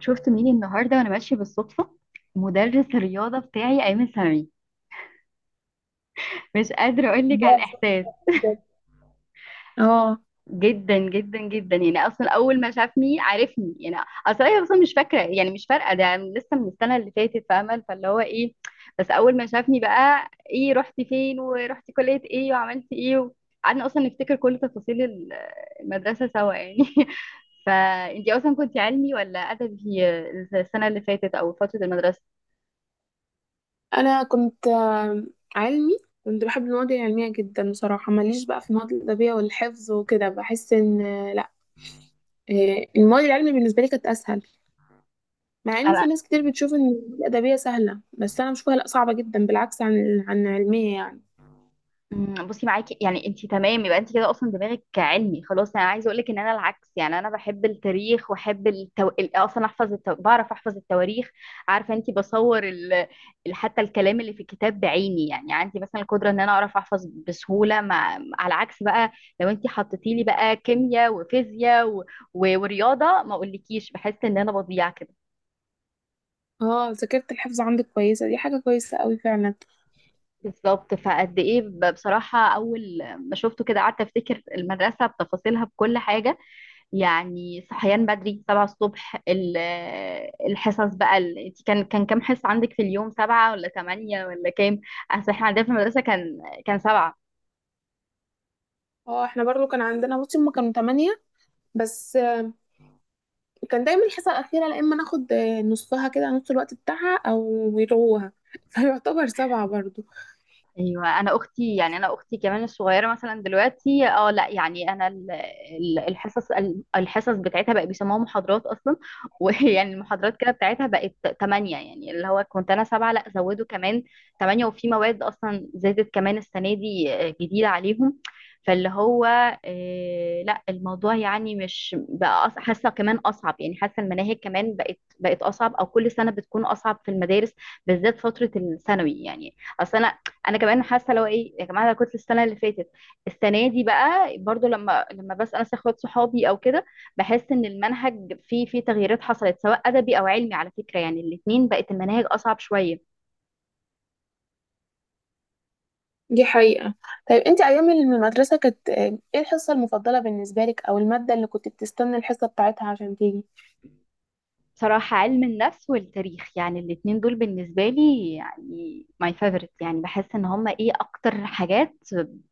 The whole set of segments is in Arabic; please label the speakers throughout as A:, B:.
A: شفت مين النهارده وانا ماشيه بالصدفه. مدرس الرياضه بتاعي ايمن سمير. مش قادره اقول لك على
B: بحبها
A: الاحساس.
B: بجد. اه،
A: جدا جدا جدا، يعني اصلا اول ما شافني عرفني يعني. اصلا هي اصلا مش فاكره، يعني مش فارقه، ده لسه من السنه اللي فاتت، فاهمه؟ فاللي هو ايه، بس اول ما شافني بقى، ايه رحتي فين ورحتي كليه ايه وعملتي ايه؟ قعدنا اصلا نفتكر كل تفاصيل المدرسه سوا يعني فانتي اصلا كنتي علمي ولا ادبي؟ السنه اللي فاتت او فتره المدرسه.
B: انا كنت علمي. كنت بحب المواد العلميه جدا بصراحه، ماليش بقى في المواد الادبيه والحفظ وكده. بحس ان لا. المواد العلميه بالنسبه لي كانت اسهل. مع ان في ناس كتير بتشوف ان الادبيه سهله، بس انا بشوفها لا، صعبه جدا بالعكس عن علميه يعني.
A: بصي، معاكي يعني، انت تمام. يبقى انت كده اصلا دماغك علمي خلاص. انا عايزه اقول لك ان انا العكس يعني، انا بحب التاريخ، واحب اصلا بعرف احفظ التواريخ. عارفه انت، بصور حتى الكلام اللي في الكتاب بعيني، يعني عندي مثلا القدره ان انا اعرف احفظ بسهوله على عكس بقى. لو انت حطيتي لي بقى كيمياء وفيزياء ورياضه، ما اقولكيش، بحس ان انا بضيع كده.
B: اه، ذاكره الحفظ عندك كويسه، دي حاجه كويسه قوي فعلا.
A: بالظبط. فقد ايه بصراحه، اول ما شفته كده، قعدت افتكر المدرسه بتفاصيلها، بكل حاجه. يعني صحيان بدري، 7 الصبح. الحصص بقى، انت كان كام حصة عندك في اليوم؟ 7 ولا 8 ولا كام؟ أصل احنا عندنا في المدرسة كان، 7.
B: اه احنا برضو كان عندنا، بصي هما كانوا تمانية بس كان دايما الحصه الاخيره لا، اما ناخد نصها كده، نص الوقت بتاعها او يلغوها فيعتبر سبعه برضو.
A: ايوه، انا اختي يعني، انا اختي كمان الصغيره مثلا دلوقتي، اه لا، يعني انا الحصص بتاعتها بقى بيسموها محاضرات اصلا ويعني المحاضرات كده بتاعتها بقت 8، يعني اللي هو كنت انا 7، لا زودوا كمان 8. وفي مواد اصلا زادت كمان السنه دي، جديده عليهم. فاللي هو لا، الموضوع يعني مش بقى حاسه كمان اصعب، يعني حاسه المناهج كمان بقت اصعب، او كل سنه بتكون اصعب في المدارس، بالذات فتره الثانوي يعني. اصل انا، كمان حاسه، لو ايه يا جماعه، انا كنت السنه اللي فاتت، السنه دي بقى برضو، لما بسال ناس، اخوات صحابي او كده، بحس ان المنهج فيه تغييرات حصلت، سواء ادبي او علمي على فكره، يعني الاتنين بقت المناهج اصعب شويه.
B: دي حقيقه. طيب انت ايام المدرسه كانت ايه الحصه المفضله بالنسبه لك، او الماده اللي كنت بتستنى الحصه بتاعتها عشان تيجي؟
A: بصراحة علم النفس والتاريخ، يعني الاتنين دول بالنسبة لي يعني my favorite، يعني بحس ان هما ايه اكتر حاجات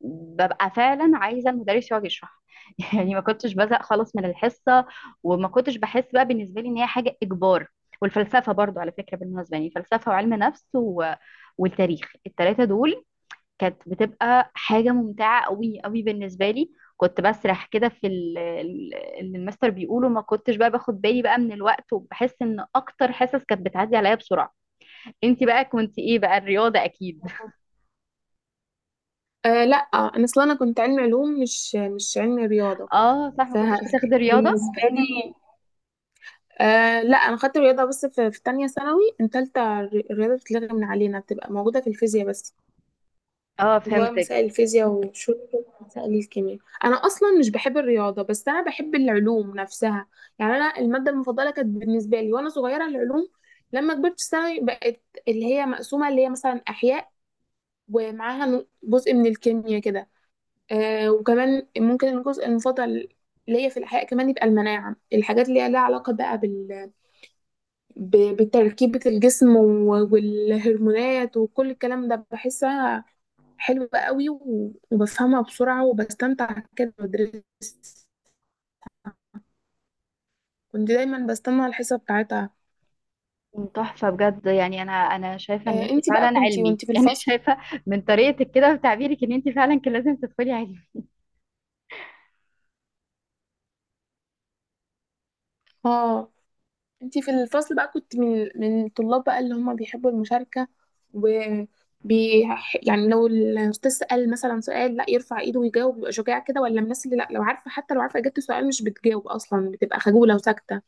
A: ببقى فعلا عايزة المدرس يقعد يشرح يعني ما كنتش بزهق خالص من الحصة، وما كنتش بحس بقى بالنسبة لي ان هي حاجة اجبار. والفلسفة برضو على فكرة، بالمناسبة، يعني فلسفة وعلم نفس والتاريخ، التلاتة دول كانت بتبقى حاجة ممتعة قوي قوي بالنسبة لي. كنت بسرح كده في اللي المستر بيقوله، ما كنتش بقى باخد بالي بقى من الوقت، وبحس ان اكتر حصص كانت بتعدي عليا بسرعة. انتي بقى كنتي ايه بقى؟ الرياضة اكيد.
B: آه لا، انا اصلا انا كنت علمي علوم، مش علمي رياضه.
A: اه صح، ما كنتش بتاخدي رياضة.
B: فبالنسبه لي آه لا، انا خدت رياضه بس في, في تانية ثانوي، ان تالتة الرياضه بتتلغي من علينا، بتبقى موجوده في الفيزياء بس.
A: اه
B: اللي هو
A: فهمتك.
B: مسائل الفيزياء وشوية كده مسائل الكيمياء. أنا أصلا مش بحب الرياضة، بس أنا بحب العلوم نفسها. يعني أنا المادة المفضلة كانت بالنسبة لي وأنا صغيرة العلوم. لما كبرت في ثانوي بقت اللي هي مقسومة، اللي هي مثلا أحياء ومعاها جزء من الكيمياء كده. آه، وكمان ممكن الجزء المفضل ليا في الأحياء كمان يبقى المناعة، الحاجات اللي هي لها علاقة بقى ب... بتركيبة الجسم والهرمونات وكل الكلام ده. بحسها حلوة قوي وبفهمها بسرعة وبستمتع كده بدرس. كنت دايما بستنى الحصة بتاعتها.
A: تحفة بجد، يعني انا شايفة ان
B: آه.
A: انتي
B: انتي بقى
A: فعلا
B: كنتي
A: علمي
B: وانتي في
A: يعني
B: الفصل،
A: شايفة من طريقتك كده وتعبيرك ان انتي فعلا كان لازم تدخلي علم.
B: اه، انتي في الفصل بقى كنت من الطلاب بقى اللي هم بيحبوا المشاركة و بي يعني، لو الأستاذ سأل مثلا سؤال لا، يرفع إيده ويجاوب، بيبقى شجاع كده، ولا من الناس اللي لا، لو عارفة، حتى لو عارفة إجابة السؤال مش بتجاوب أصلا، بتبقى خجولة وساكتة.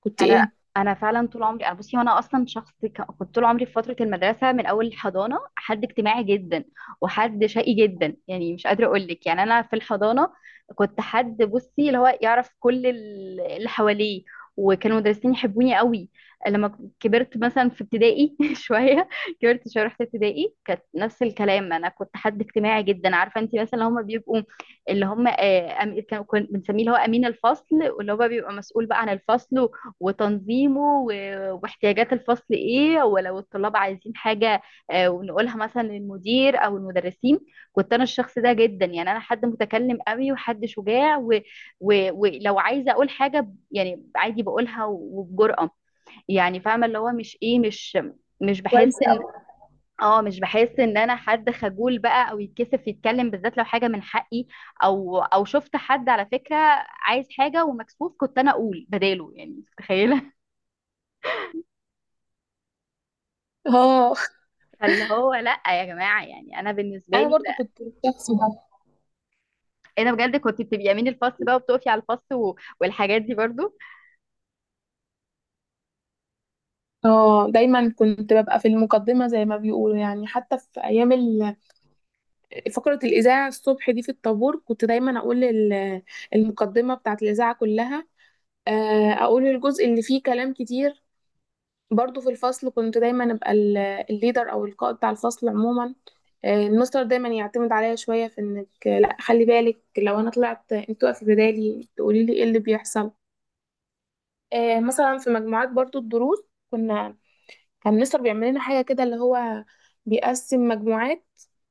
B: كنت
A: انا
B: إيه؟
A: انا فعلا طول عمري، انا بصي، وانا اصلا شخص، كنت طول عمري في فتره المدرسه من اول الحضانه حد اجتماعي جدا، وحد شقي جدا، يعني مش قادره اقول لك، يعني انا في الحضانه كنت حد، بصي، اللي هو يعرف كل اللي حواليه، وكانوا المدرسين يحبوني قوي. لما كبرت مثلا في ابتدائي شويه، كبرت شويه رحت ابتدائي، كانت نفس الكلام، انا كنت حد اجتماعي جدا. عارفه انت، مثلا اللي هم بيبقوا، اللي هم كنا بنسميه اللي هو امين الفصل، واللي هو بيبقى مسؤول بقى عن الفصل وتنظيمه واحتياجات الفصل ايه، ولو الطلاب عايزين حاجة، ونقولها مثلا للمدير او المدرسين. كنت انا الشخص ده جدا، يعني انا حد متكلم قوي وحد شجاع ولو عايزة اقول حاجة يعني، عادي بقولها وبجرأة. يعني فاهمة، اللي هو مش ايه، مش بحس
B: كويس
A: ان،
B: أوي.
A: اه مش بحس ان انا حد خجول بقى، او يتكسف يتكلم، بالذات لو حاجه من حقي، او شفت حد على فكره عايز حاجه ومكسوف، كنت انا اقول بداله، يعني متخيله.
B: اه
A: فاللي هو لا يا جماعه، يعني انا بالنسبه
B: أنا
A: لي
B: برضو
A: لا.
B: كنت الشخص ده.
A: انا بجد كنت بتبقي امين الفصل بقى، وبتقفي على الفصل والحاجات دي برضو.
B: اه، دايما كنت ببقى في المقدمة زي ما بيقولوا يعني. حتى في ايام فقرة الاذاعة الصبح دي في الطابور، كنت دايما اقول المقدمة بتاعت الاذاعة كلها. اقول الجزء اللي فيه كلام كتير. برضو في الفصل كنت دايما ابقى الليدر او القائد بتاع الفصل عموما. المستر دايما يعتمد عليا شوية في انك لا، خلي بالك لو انا طلعت انت تقفي بدالي تقولي لي ايه اللي بيحصل. مثلا في مجموعات برضو الدروس، كنا، كان مستر بيعمل لنا حاجة كده اللي هو بيقسم مجموعات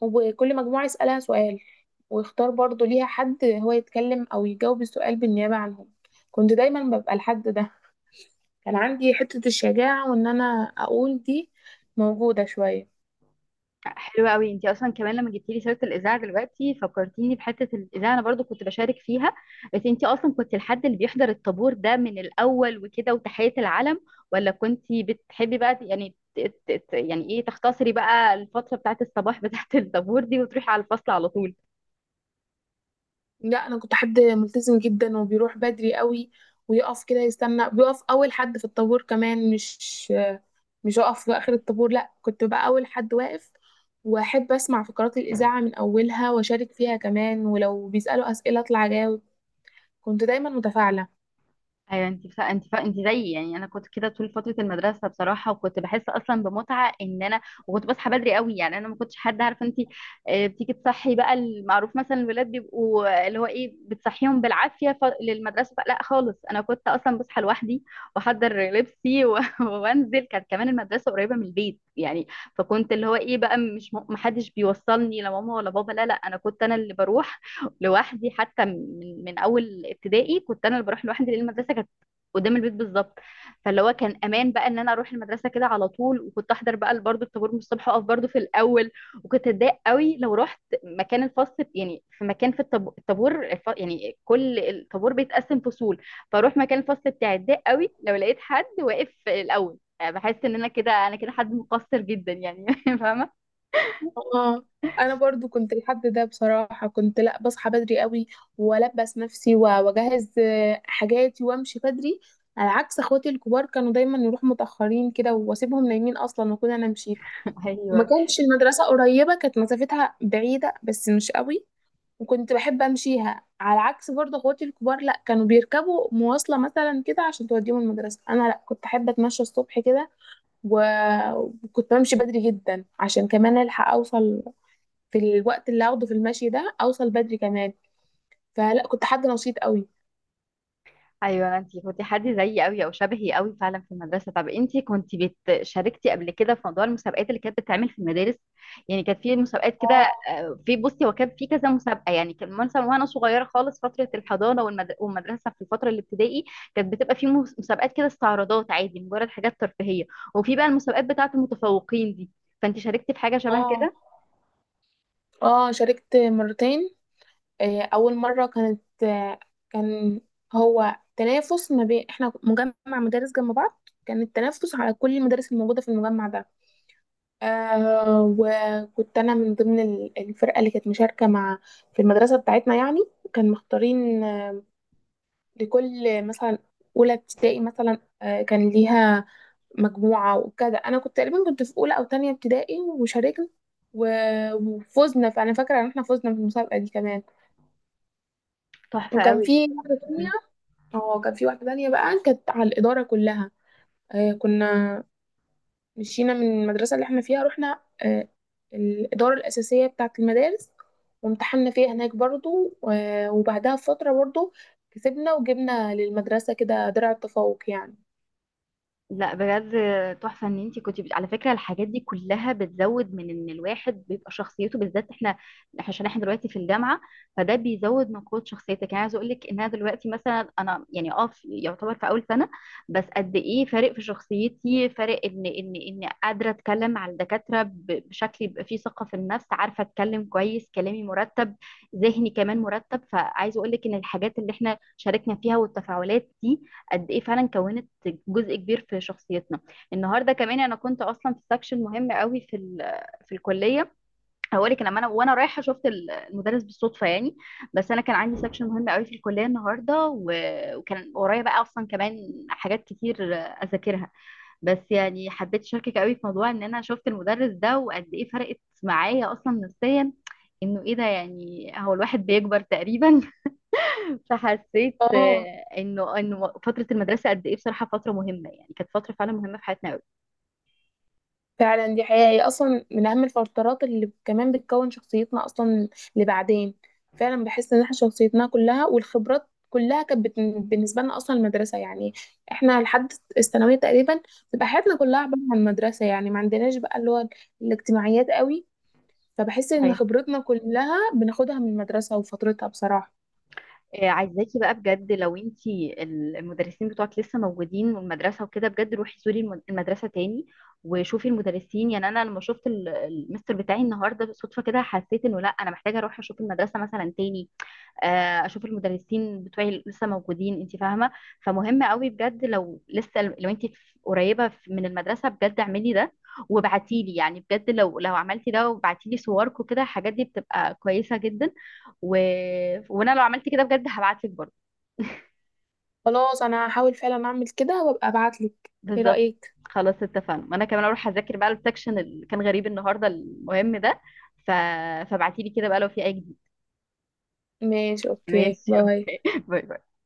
B: وكل مجموعة يسألها سؤال ويختار برضو ليها حد هو يتكلم أو يجاوب السؤال بالنيابة عنهم. كنت دايما ببقى الحد ده. كان عندي حتة الشجاعة وإن أنا أقول دي موجودة شوية.
A: حلوه قوي. انت اصلا كمان لما جبتي لي سيره الاذاعه دلوقتي، فكرتيني بحته الاذاعه. انا برضو كنت بشارك فيها، بس انت اصلا كنت الحد اللي بيحضر الطابور ده من الاول وكده وتحيه العلم، ولا كنت بتحبي بقى، يعني يعني ايه، تختصري بقى الفتره بتاعت الصباح، بتاعت الطابور دي، وتروحي على الفصل على طول؟
B: لا، انا كنت حد ملتزم جدا وبيروح بدري قوي ويقف كده يستنى، بيقف اول حد في الطابور كمان، مش اقف في اخر الطابور، لا كنت بقى اول حد واقف. واحب اسمع فقرات الاذاعه من اولها واشارك فيها كمان، ولو بيسالوا اسئله اطلع اجاوب. كنت دايما متفاعله.
A: ايوه، انت زيي، يعني انا كنت كده طول فتره المدرسه بصراحه، وكنت بحس اصلا بمتعه ان انا. وكنت بصحى بدري قوي، يعني انا ما كنتش حد، عارفه انت، بتيجي تصحي بقى. المعروف مثلا الولاد بيبقوا، اللي هو ايه، بتصحيهم بالعافيه للمدرسه بقى. لا خالص، انا كنت اصلا بصحى لوحدي، واحضر لبسي وانزل. كانت كمان المدرسه قريبه من البيت يعني، فكنت اللي هو ايه بقى، مش محدش بيوصلني، لا ماما ولا بابا. لا لا، انا كنت انا اللي بروح لوحدي، حتى من اول ابتدائي كنت انا اللي بروح لوحدي، لان المدرسه كانت قدام البيت بالظبط. فاللي هو كان امان بقى ان انا اروح المدرسه كده على طول. وكنت احضر بقى برضه الطابور من الصبح، واقف برضه في الاول. وكنت اتضايق قوي لو رحت مكان الفصل، يعني في مكان، في الطابور يعني، كل الطابور بيتقسم فصول، فاروح مكان الفصل بتاعي. اتضايق قوي لو لقيت حد واقف الاول، بحس ان انا كده، حد مقصر جدا يعني فاهمه؟
B: اه. انا برضو كنت لحد ده بصراحه، كنت لا، بصحى بدري قوي والبس نفسي واجهز حاجاتي وامشي بدري على عكس اخواتي الكبار، كانوا دايما يروحوا متاخرين كده واسيبهم نايمين اصلا واكون انا مشيت. وما
A: ايوه
B: كانش المدرسه قريبه، كانت مسافتها بعيده بس مش قوي، وكنت بحب امشيها على عكس برضه اخواتي الكبار، لا كانوا بيركبوا مواصله مثلا كده عشان توديهم المدرسه، انا لا كنت احب اتمشى الصبح كده و- وكنت بمشي بدري جدا عشان كمان الحق اوصل، في الوقت اللي هاخده في المشي ده اوصل بدري كمان. فلا، كنت حد نشيط قوي.
A: ايوه، انتي كنتي حد زيي قوي او شبهي قوي فعلا في المدرسه. طب انتي كنتي شاركتي قبل كده في موضوع المسابقات اللي كانت بتتعمل في المدارس؟ يعني كانت في مسابقات كده.
B: اه.
A: في، بصي، هو كان في كذا مسابقه يعني. كان مثلا وانا صغيره خالص فتره الحضانه والمدرسه في الفتره الابتدائي، كانت بتبقى في مسابقات كده، استعراضات، عادي، مجرد حاجات ترفيهيه. وفي بقى المسابقات بتاعه المتفوقين دي. فانتي شاركتي في حاجه شبه
B: اه،
A: كده.
B: اه شاركت 2 مرتين. اول مره كانت آه، كان هو تنافس ما بين احنا، مجمع مدارس جنب بعض، كان التنافس على كل المدارس الموجوده في المجمع ده. آه، وكنت انا من ضمن الفرقه اللي كانت مشاركه مع في المدرسه بتاعتنا يعني. كان مختارين لكل مثلا اولى ابتدائي مثلا، كان ليها مجموعة وكده. أنا كنت تقريبا كنت في أولى أو تانية ابتدائي وشاركنا وفزنا، فأنا فاكرة إن احنا فزنا في المسابقة دي كمان.
A: تحفه
B: وكان
A: قوي.
B: في واحدة تانية، اه كان في واحدة تانية بقى كانت على الإدارة كلها. آه، كنا مشينا من المدرسة اللي احنا فيها، رحنا آه الإدارة الأساسية بتاعة المدارس وامتحنا فيها هناك برضو. آه، وبعدها بفترة برضو كسبنا وجبنا للمدرسة كده درع التفوق يعني.
A: لا بجد، تحفة ان انتي كنتي بت... على فكرة الحاجات دي كلها بتزود من ان الواحد بيبقى شخصيته، بالذات احنا، عشان احنا دلوقتي في الجامعة، فده بيزود من قوة شخصيتك. يعني عايزة اقول لك ان انا دلوقتي مثلا، انا يعني اه في، يعتبر في اول سنة بس قد ايه فارق في شخصيتي. فارق ان قادرة اتكلم على الدكاترة بشكل يبقى فيه ثقة في النفس، عارفة اتكلم كويس، كلامي مرتب، ذهني كمان مرتب. فعايزة اقول لك ان الحاجات اللي احنا شاركنا فيها والتفاعلات دي، قد ايه فعلا كونت جزء كبير في شخصيتنا. النهارده كمان، انا كنت اصلا في سكشن مهم قوي في في الكليه. هقولك، لما انا وانا رايحه، شفت المدرس بالصدفه يعني. بس انا كان عندي سكشن مهم قوي في الكليه النهارده، وكان ورايا بقى اصلا كمان حاجات كتير اذاكرها. بس يعني حبيت اشاركك قوي في موضوع ان انا شفت المدرس ده، وقد ايه فرقت معايا اصلا نفسيا. انه ايه ده، يعني هو الواحد بيكبر تقريبا. فحسيت
B: اه،
A: انه فتره المدرسه قد ايه بصراحه فتره مهمه، يعني كانت فتره فعلا مهمه في حياتنا قوي.
B: فعلا دي حقيقة، هي أصلا من أهم الفترات اللي كمان بتكون شخصيتنا أصلا لبعدين. فعلا بحس إن احنا شخصيتنا كلها والخبرات كلها كانت بالنسبة لنا أصلا المدرسة يعني. احنا لحد الثانوية تقريبا بتبقى حياتنا كلها عبارة عن المدرسة يعني، ما عندناش بقى اللي هو الاجتماعيات قوي. فبحس إن
A: هاي.
B: خبرتنا كلها بناخدها من المدرسة وفترتها بصراحة.
A: عايزاكي بقى بجد، لو انتي المدرسين بتوعك لسه موجودين والمدرسة وكده، بجد روحي زوري المدرسة تاني وشوفي المدرسين، يعني انا لما شفت المستر بتاعي النهارده صدفة كده، حسيت انه لا، انا محتاجة اروح اشوف المدرسة مثلا تاني، اشوف المدرسين بتوعي اللي لسه موجودين. انت فاهمه؟ فمهم قوي بجد لو انت قريبه من المدرسه، بجد اعملي ده، وابعتي لي. يعني بجد لو عملتي ده وبعتي لي صورك وكده، الحاجات دي بتبقى كويسه جدا. و... وانا لو عملت كده بجد هبعت لك برضه
B: خلاص أنا هحاول فعلا أعمل كده وأبقى أبعتلك. إيه
A: بالظبط.
B: رأيك؟
A: خلاص اتفقنا، وانا كمان اروح اذاكر بقى السكشن اللي كان غريب النهارده، المهم ده. ف... فابعتي لي كده بقى لو في اي جديد.
B: ماشي، أوكي،
A: ماشي
B: باي.
A: اوكي باي باي.